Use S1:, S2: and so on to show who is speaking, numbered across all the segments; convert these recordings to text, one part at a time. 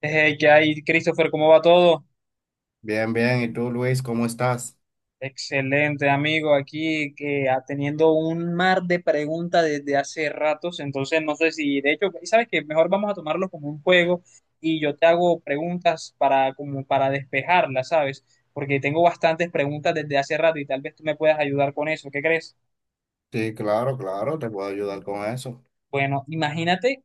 S1: ¿qué hay, Christopher? ¿Cómo va todo?
S2: Bien, bien. ¿Y tú, Luis, cómo estás?
S1: Excelente, amigo. Aquí que teniendo un mar de preguntas desde hace ratos, entonces no sé si, de hecho, sabes que mejor vamos a tomarlo como un juego y yo te hago preguntas para como para despejarlas, ¿sabes? Porque tengo bastantes preguntas desde hace rato y tal vez tú me puedas ayudar con eso. ¿Qué crees?
S2: Sí, claro, claro, te puedo ayudar con eso.
S1: Bueno, imagínate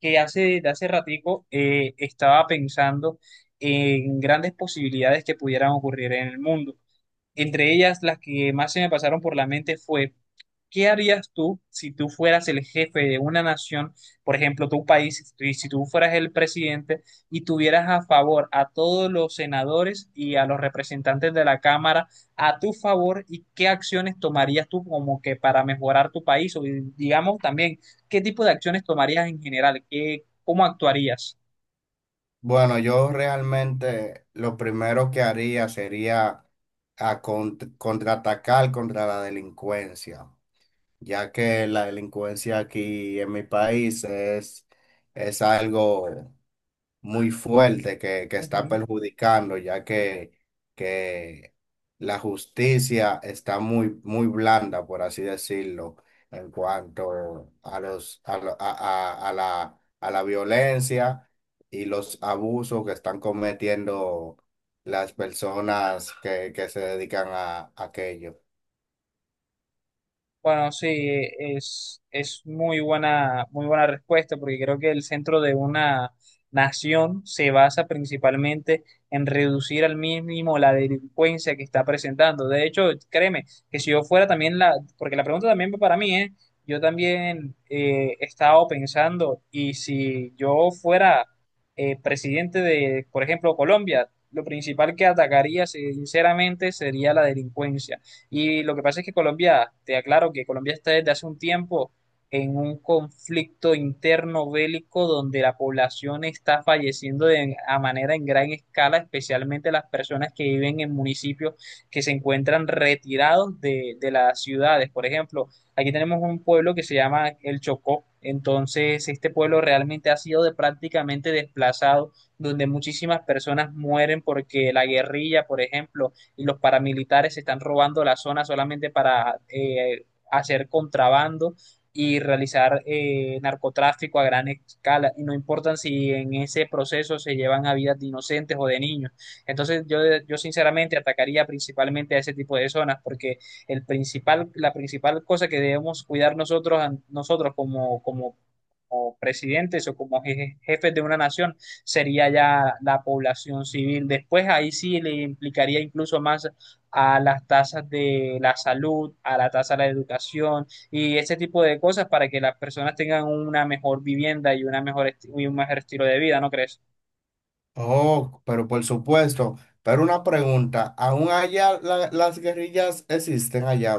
S1: que hace ratico estaba pensando en grandes posibilidades que pudieran ocurrir en el mundo. Entre ellas, las que más se me pasaron por la mente fue, ¿qué harías tú si tú fueras el jefe de una nación, por ejemplo, tu país, y si tú fueras el presidente y tuvieras a favor a todos los senadores y a los representantes de la Cámara a tu favor y qué acciones tomarías tú como que para mejorar tu país? O digamos también, ¿qué tipo de acciones tomarías en general? ¿ cómo actuarías?
S2: Bueno, yo realmente lo primero que haría sería contraatacar contra la delincuencia, ya que la delincuencia aquí en mi país es algo muy fuerte que está
S1: Ujú.
S2: perjudicando, ya que la justicia está muy, muy blanda, por así decirlo, en cuanto a los, a, lo- a la violencia y los abusos que están cometiendo las personas que se dedican a, aquello.
S1: Bueno, sí, es muy buena respuesta, porque creo que el centro de una nación se basa principalmente en reducir al mínimo la delincuencia que está presentando. De hecho, créeme, que si yo fuera también la, porque la pregunta también va para mí, ¿eh? Yo también he estado pensando, y si yo fuera presidente de, por ejemplo, Colombia, lo principal que atacaría, sinceramente, sería la delincuencia y lo que pasa es que Colombia, te aclaro que Colombia está desde hace un tiempo en un conflicto interno bélico donde la población está falleciendo de, a manera en gran escala, especialmente las personas que viven en municipios que se encuentran retirados de las ciudades. Por ejemplo, aquí tenemos un pueblo que se llama El Chocó. Entonces, este pueblo realmente ha sido de prácticamente desplazado, donde muchísimas personas mueren porque la guerrilla, por ejemplo, y los paramilitares se están robando la zona solamente para hacer contrabando y realizar narcotráfico a gran escala y no importan si en ese proceso se llevan a vidas de inocentes o de niños. Entonces yo, yo sinceramente atacaría principalmente a ese tipo de zonas porque el principal, la principal cosa que debemos cuidar nosotros, nosotros como presidentes o como je- jefes de una nación sería ya la población civil. Después ahí sí le implicaría incluso más a las tasas de la salud, a la tasa de la educación y ese tipo de cosas para que las personas tengan una mejor vivienda y, una mejor esti- y un mejor estilo de vida, ¿no crees?
S2: Oh, pero por supuesto, pero una pregunta, ¿aún allá las guerrillas existen allá?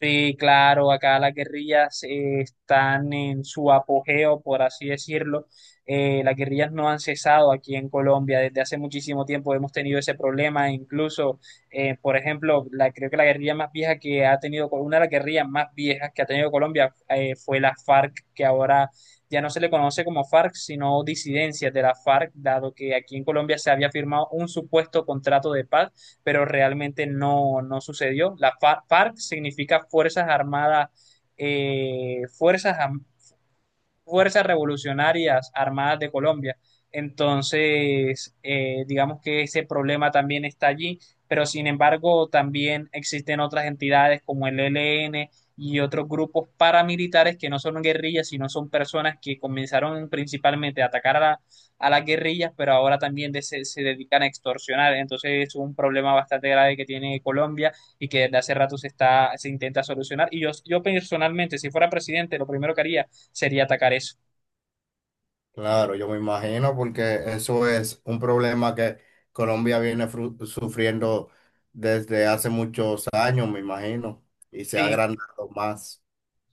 S1: Sí, claro, acá las guerrillas están en su apogeo, por así decirlo. Las guerrillas no han cesado aquí en Colombia. Desde hace muchísimo tiempo hemos tenido ese problema. Incluso, por ejemplo, creo que la guerrilla más vieja que ha tenido, una de las guerrillas más viejas que ha tenido Colombia fue la FARC, que ahora ya no se le conoce como FARC, sino disidencias de la FARC, dado que aquí en Colombia se había firmado un supuesto contrato de paz pero realmente no, no sucedió. La FARC significa Fuerzas Armadas, eh, Fuerzas fuerzas revolucionarias armadas de Colombia. Entonces, digamos que ese problema también está allí, pero sin embargo también existen otras entidades como el ELN y otros grupos paramilitares que no son guerrillas, sino son personas que comenzaron principalmente a atacar a las guerrillas, pero ahora también se dedican a extorsionar. Entonces es un problema bastante grave que tiene Colombia y que desde hace rato se está, se intenta solucionar. Yo personalmente, si fuera presidente, lo primero que haría sería atacar eso.
S2: Claro, yo me imagino porque eso es un problema que Colombia viene sufriendo desde hace muchos años, me imagino, y se ha
S1: Sí,
S2: agrandado más.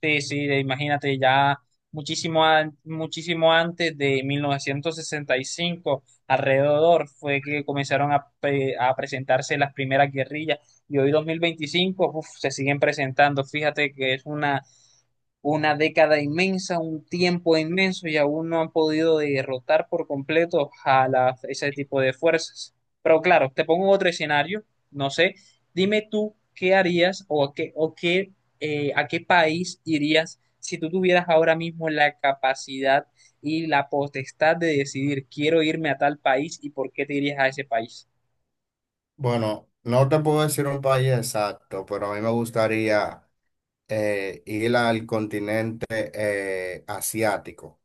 S1: sí, sí, de- imagínate ya muchísimo, an- muchísimo antes de 1965 alrededor fue que comenzaron a, pre- a presentarse las primeras guerrillas y hoy 2025, uf, se siguen presentando. Fíjate que es una década inmensa, un tiempo inmenso y aún no han podido derrotar por completo a la- ese tipo de fuerzas. Pero claro, te pongo otro escenario, no sé, dime tú qué harías o a qué, o qué, a qué país irías si tú tuvieras ahora mismo la capacidad y la potestad de decidir, quiero irme a tal país y por qué te irías a ese país.
S2: Bueno, no te puedo decir un país exacto, pero a mí me gustaría ir al continente asiático,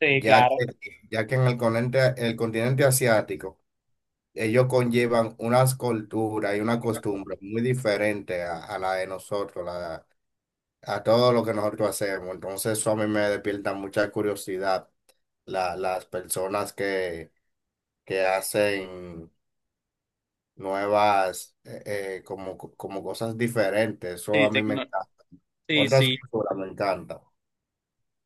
S1: Sí,
S2: ya que,
S1: claro.
S2: ya que en el continente asiático ellos conllevan unas culturas y una costumbre muy diferente a la de nosotros, la a todo lo que nosotros hacemos. Entonces eso a mí me despierta mucha curiosidad, las personas que hacen nuevas, como, como cosas diferentes. Eso
S1: Sí,
S2: a mí me
S1: tecno-
S2: encanta.
S1: sí,
S2: Otras
S1: sí.
S2: culturas me encanta.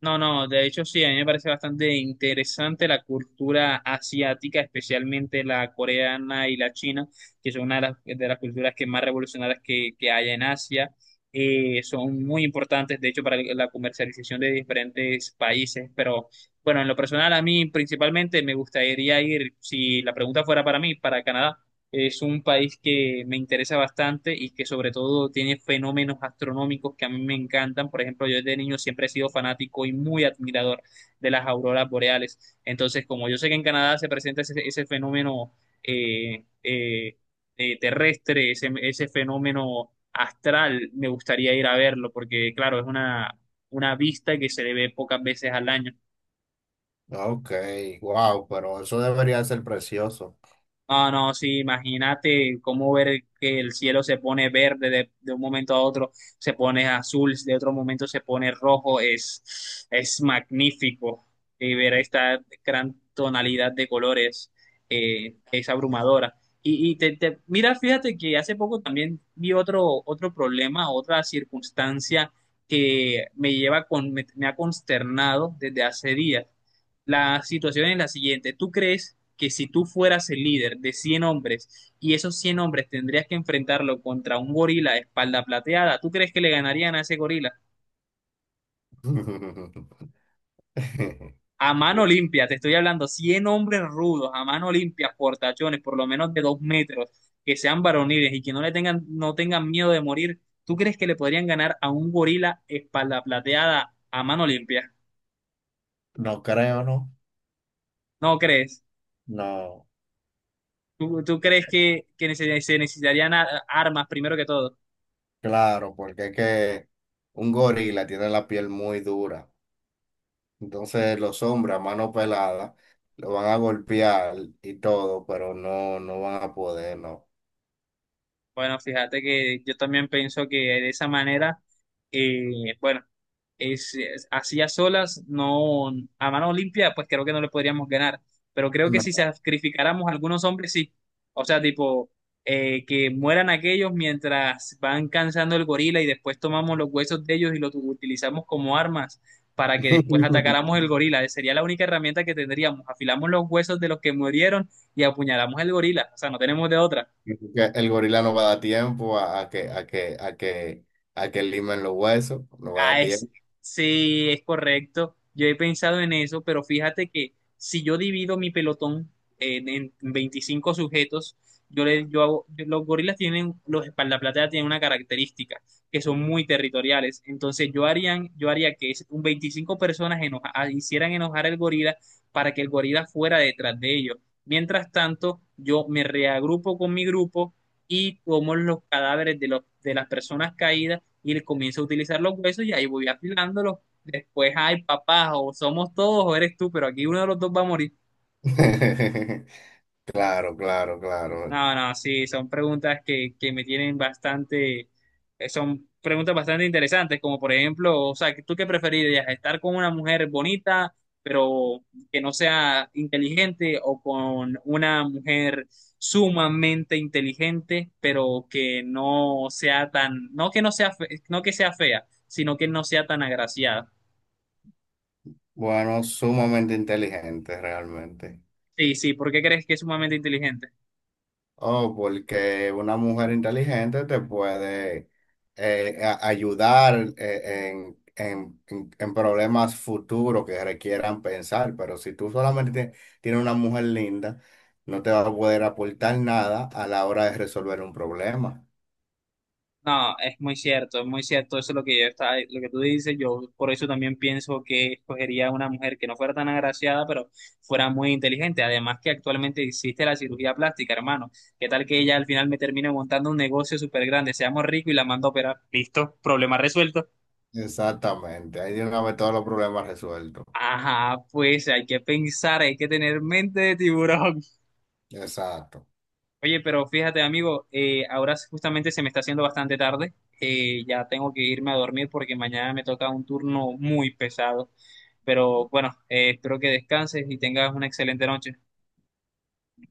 S1: No, no, de hecho sí, a mí me parece bastante interesante la cultura asiática, especialmente la coreana y la china, que son una de las culturas que más revolucionarias que hay en Asia. Son muy importantes, de hecho, para la comercialización de diferentes países, pero bueno, en lo personal a mí principalmente me gustaría ir, si la pregunta fuera para mí, para Canadá. Es un país que me interesa bastante y que sobre todo tiene fenómenos astronómicos que a mí me encantan. Por ejemplo, yo desde niño siempre he sido fanático y muy admirador de las auroras boreales. Entonces, como yo sé que en Canadá se presenta ese, ese fenómeno eh, eh, terrestre, ese fenómeno astral, me gustaría ir a verlo porque, claro, es una vista que se le ve pocas veces al año.
S2: Ok, wow, pero eso debería ser precioso.
S1: No, no, sí, imagínate cómo ver que el cielo se pone verde de un momento a otro, se pone azul, de otro momento se pone rojo, es magnífico. Y ver esta gran tonalidad de colores es abrumadora. Mira, fíjate que hace poco también vi otro, otro problema, otra circunstancia que me lleva con, me ha consternado desde hace días. La situación es la siguiente. ¿Tú crees que si tú fueras el líder de 100 hombres y esos 100 hombres tendrías que enfrentarlo contra un gorila de espalda plateada, tú crees que le ganarían a ese gorila? A mano limpia, te estoy hablando, 100 hombres rudos, a mano limpia, portachones, por lo menos de 2 metros, que sean varoniles y que no le tengan, no tengan miedo de morir, ¿tú crees que le podrían ganar a un gorila espalda plateada a mano limpia?
S2: No creo, ¿no?
S1: ¿No crees?
S2: No,
S1: ¿Tú, tú crees que neces- se necesitarían a- armas primero que todo?
S2: claro, porque es que un gorila tiene la piel muy dura. Entonces los hombres a mano pelada lo van a golpear y todo, pero no, no van a poder, no.
S1: Bueno, fíjate que yo también pienso que de esa manera, bueno, es- así a solas, no, a mano limpia, pues creo que no le podríamos ganar. Pero creo que si
S2: No.
S1: sacrificáramos a algunos hombres, sí. O sea, tipo, que mueran aquellos mientras van cansando el gorila y después tomamos los huesos de ellos y los utilizamos como armas para que después atacáramos el gorila. Sería la única herramienta que tendríamos. Afilamos los huesos de los que murieron y apuñalamos el gorila. O sea, no tenemos de otra.
S2: Porque el gorila no va a dar tiempo a que limen los huesos, no va a dar
S1: Ah, es-
S2: tiempo.
S1: sí, es correcto. Yo he pensado en eso, pero fíjate que si yo divido mi pelotón en 25 sujetos, yo hago- los gorilas tienen, los espaldaplateas tienen una característica, que son muy territoriales. Entonces yo harían, yo haría que es- un 25 personas hicieran enojar al gorila para que el gorila fuera detrás de ellos. Mientras tanto, yo me reagrupo con mi grupo y tomo los cadáveres de las personas caídas y le comienzo a utilizar los huesos y ahí voy afilándolos. Después, ay, papá, o somos todos o eres tú, pero aquí uno de los dos va a morir.
S2: Claro, claro, claro.
S1: No, no, sí, son preguntas que me tienen bastante, son preguntas bastante interesantes, como por ejemplo, o sea, ¿tú qué preferirías? ¿Estar con una mujer bonita, pero que no sea inteligente, o con una mujer sumamente inteligente, pero que no sea tan, no que no sea, fe- no que sea fea, sino que no sea tan agraciada?
S2: Bueno, sumamente inteligente realmente.
S1: Sí, sí, ¿por qué crees que es sumamente inteligente?
S2: Oh, porque una mujer inteligente te puede ayudar en, en problemas futuros que requieran pensar, pero si tú solamente tienes una mujer linda, no te va a poder aportar nada a la hora de resolver un problema.
S1: No, es muy cierto, eso es lo que yo estaba, lo que tú dices, yo por eso también pienso que escogería una mujer que no fuera tan agraciada, pero fuera muy inteligente, además que actualmente existe la cirugía plástica, hermano, ¿qué tal que ella al final me termine montando un negocio súper grande, seamos ricos y la mando a operar? Listo, problema resuelto.
S2: Exactamente, ahí tiene que haber todos los problemas resueltos.
S1: Ajá, pues hay que pensar, hay que tener mente de tiburón.
S2: Exacto.
S1: Oye, pero fíjate, amigo, ahora justamente se me está haciendo bastante tarde. Ya tengo que irme a dormir porque mañana me toca un turno muy pesado. Pero bueno, espero que descanses y tengas una excelente noche.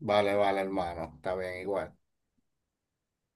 S2: Vale, vale, hermano, está bien, igual.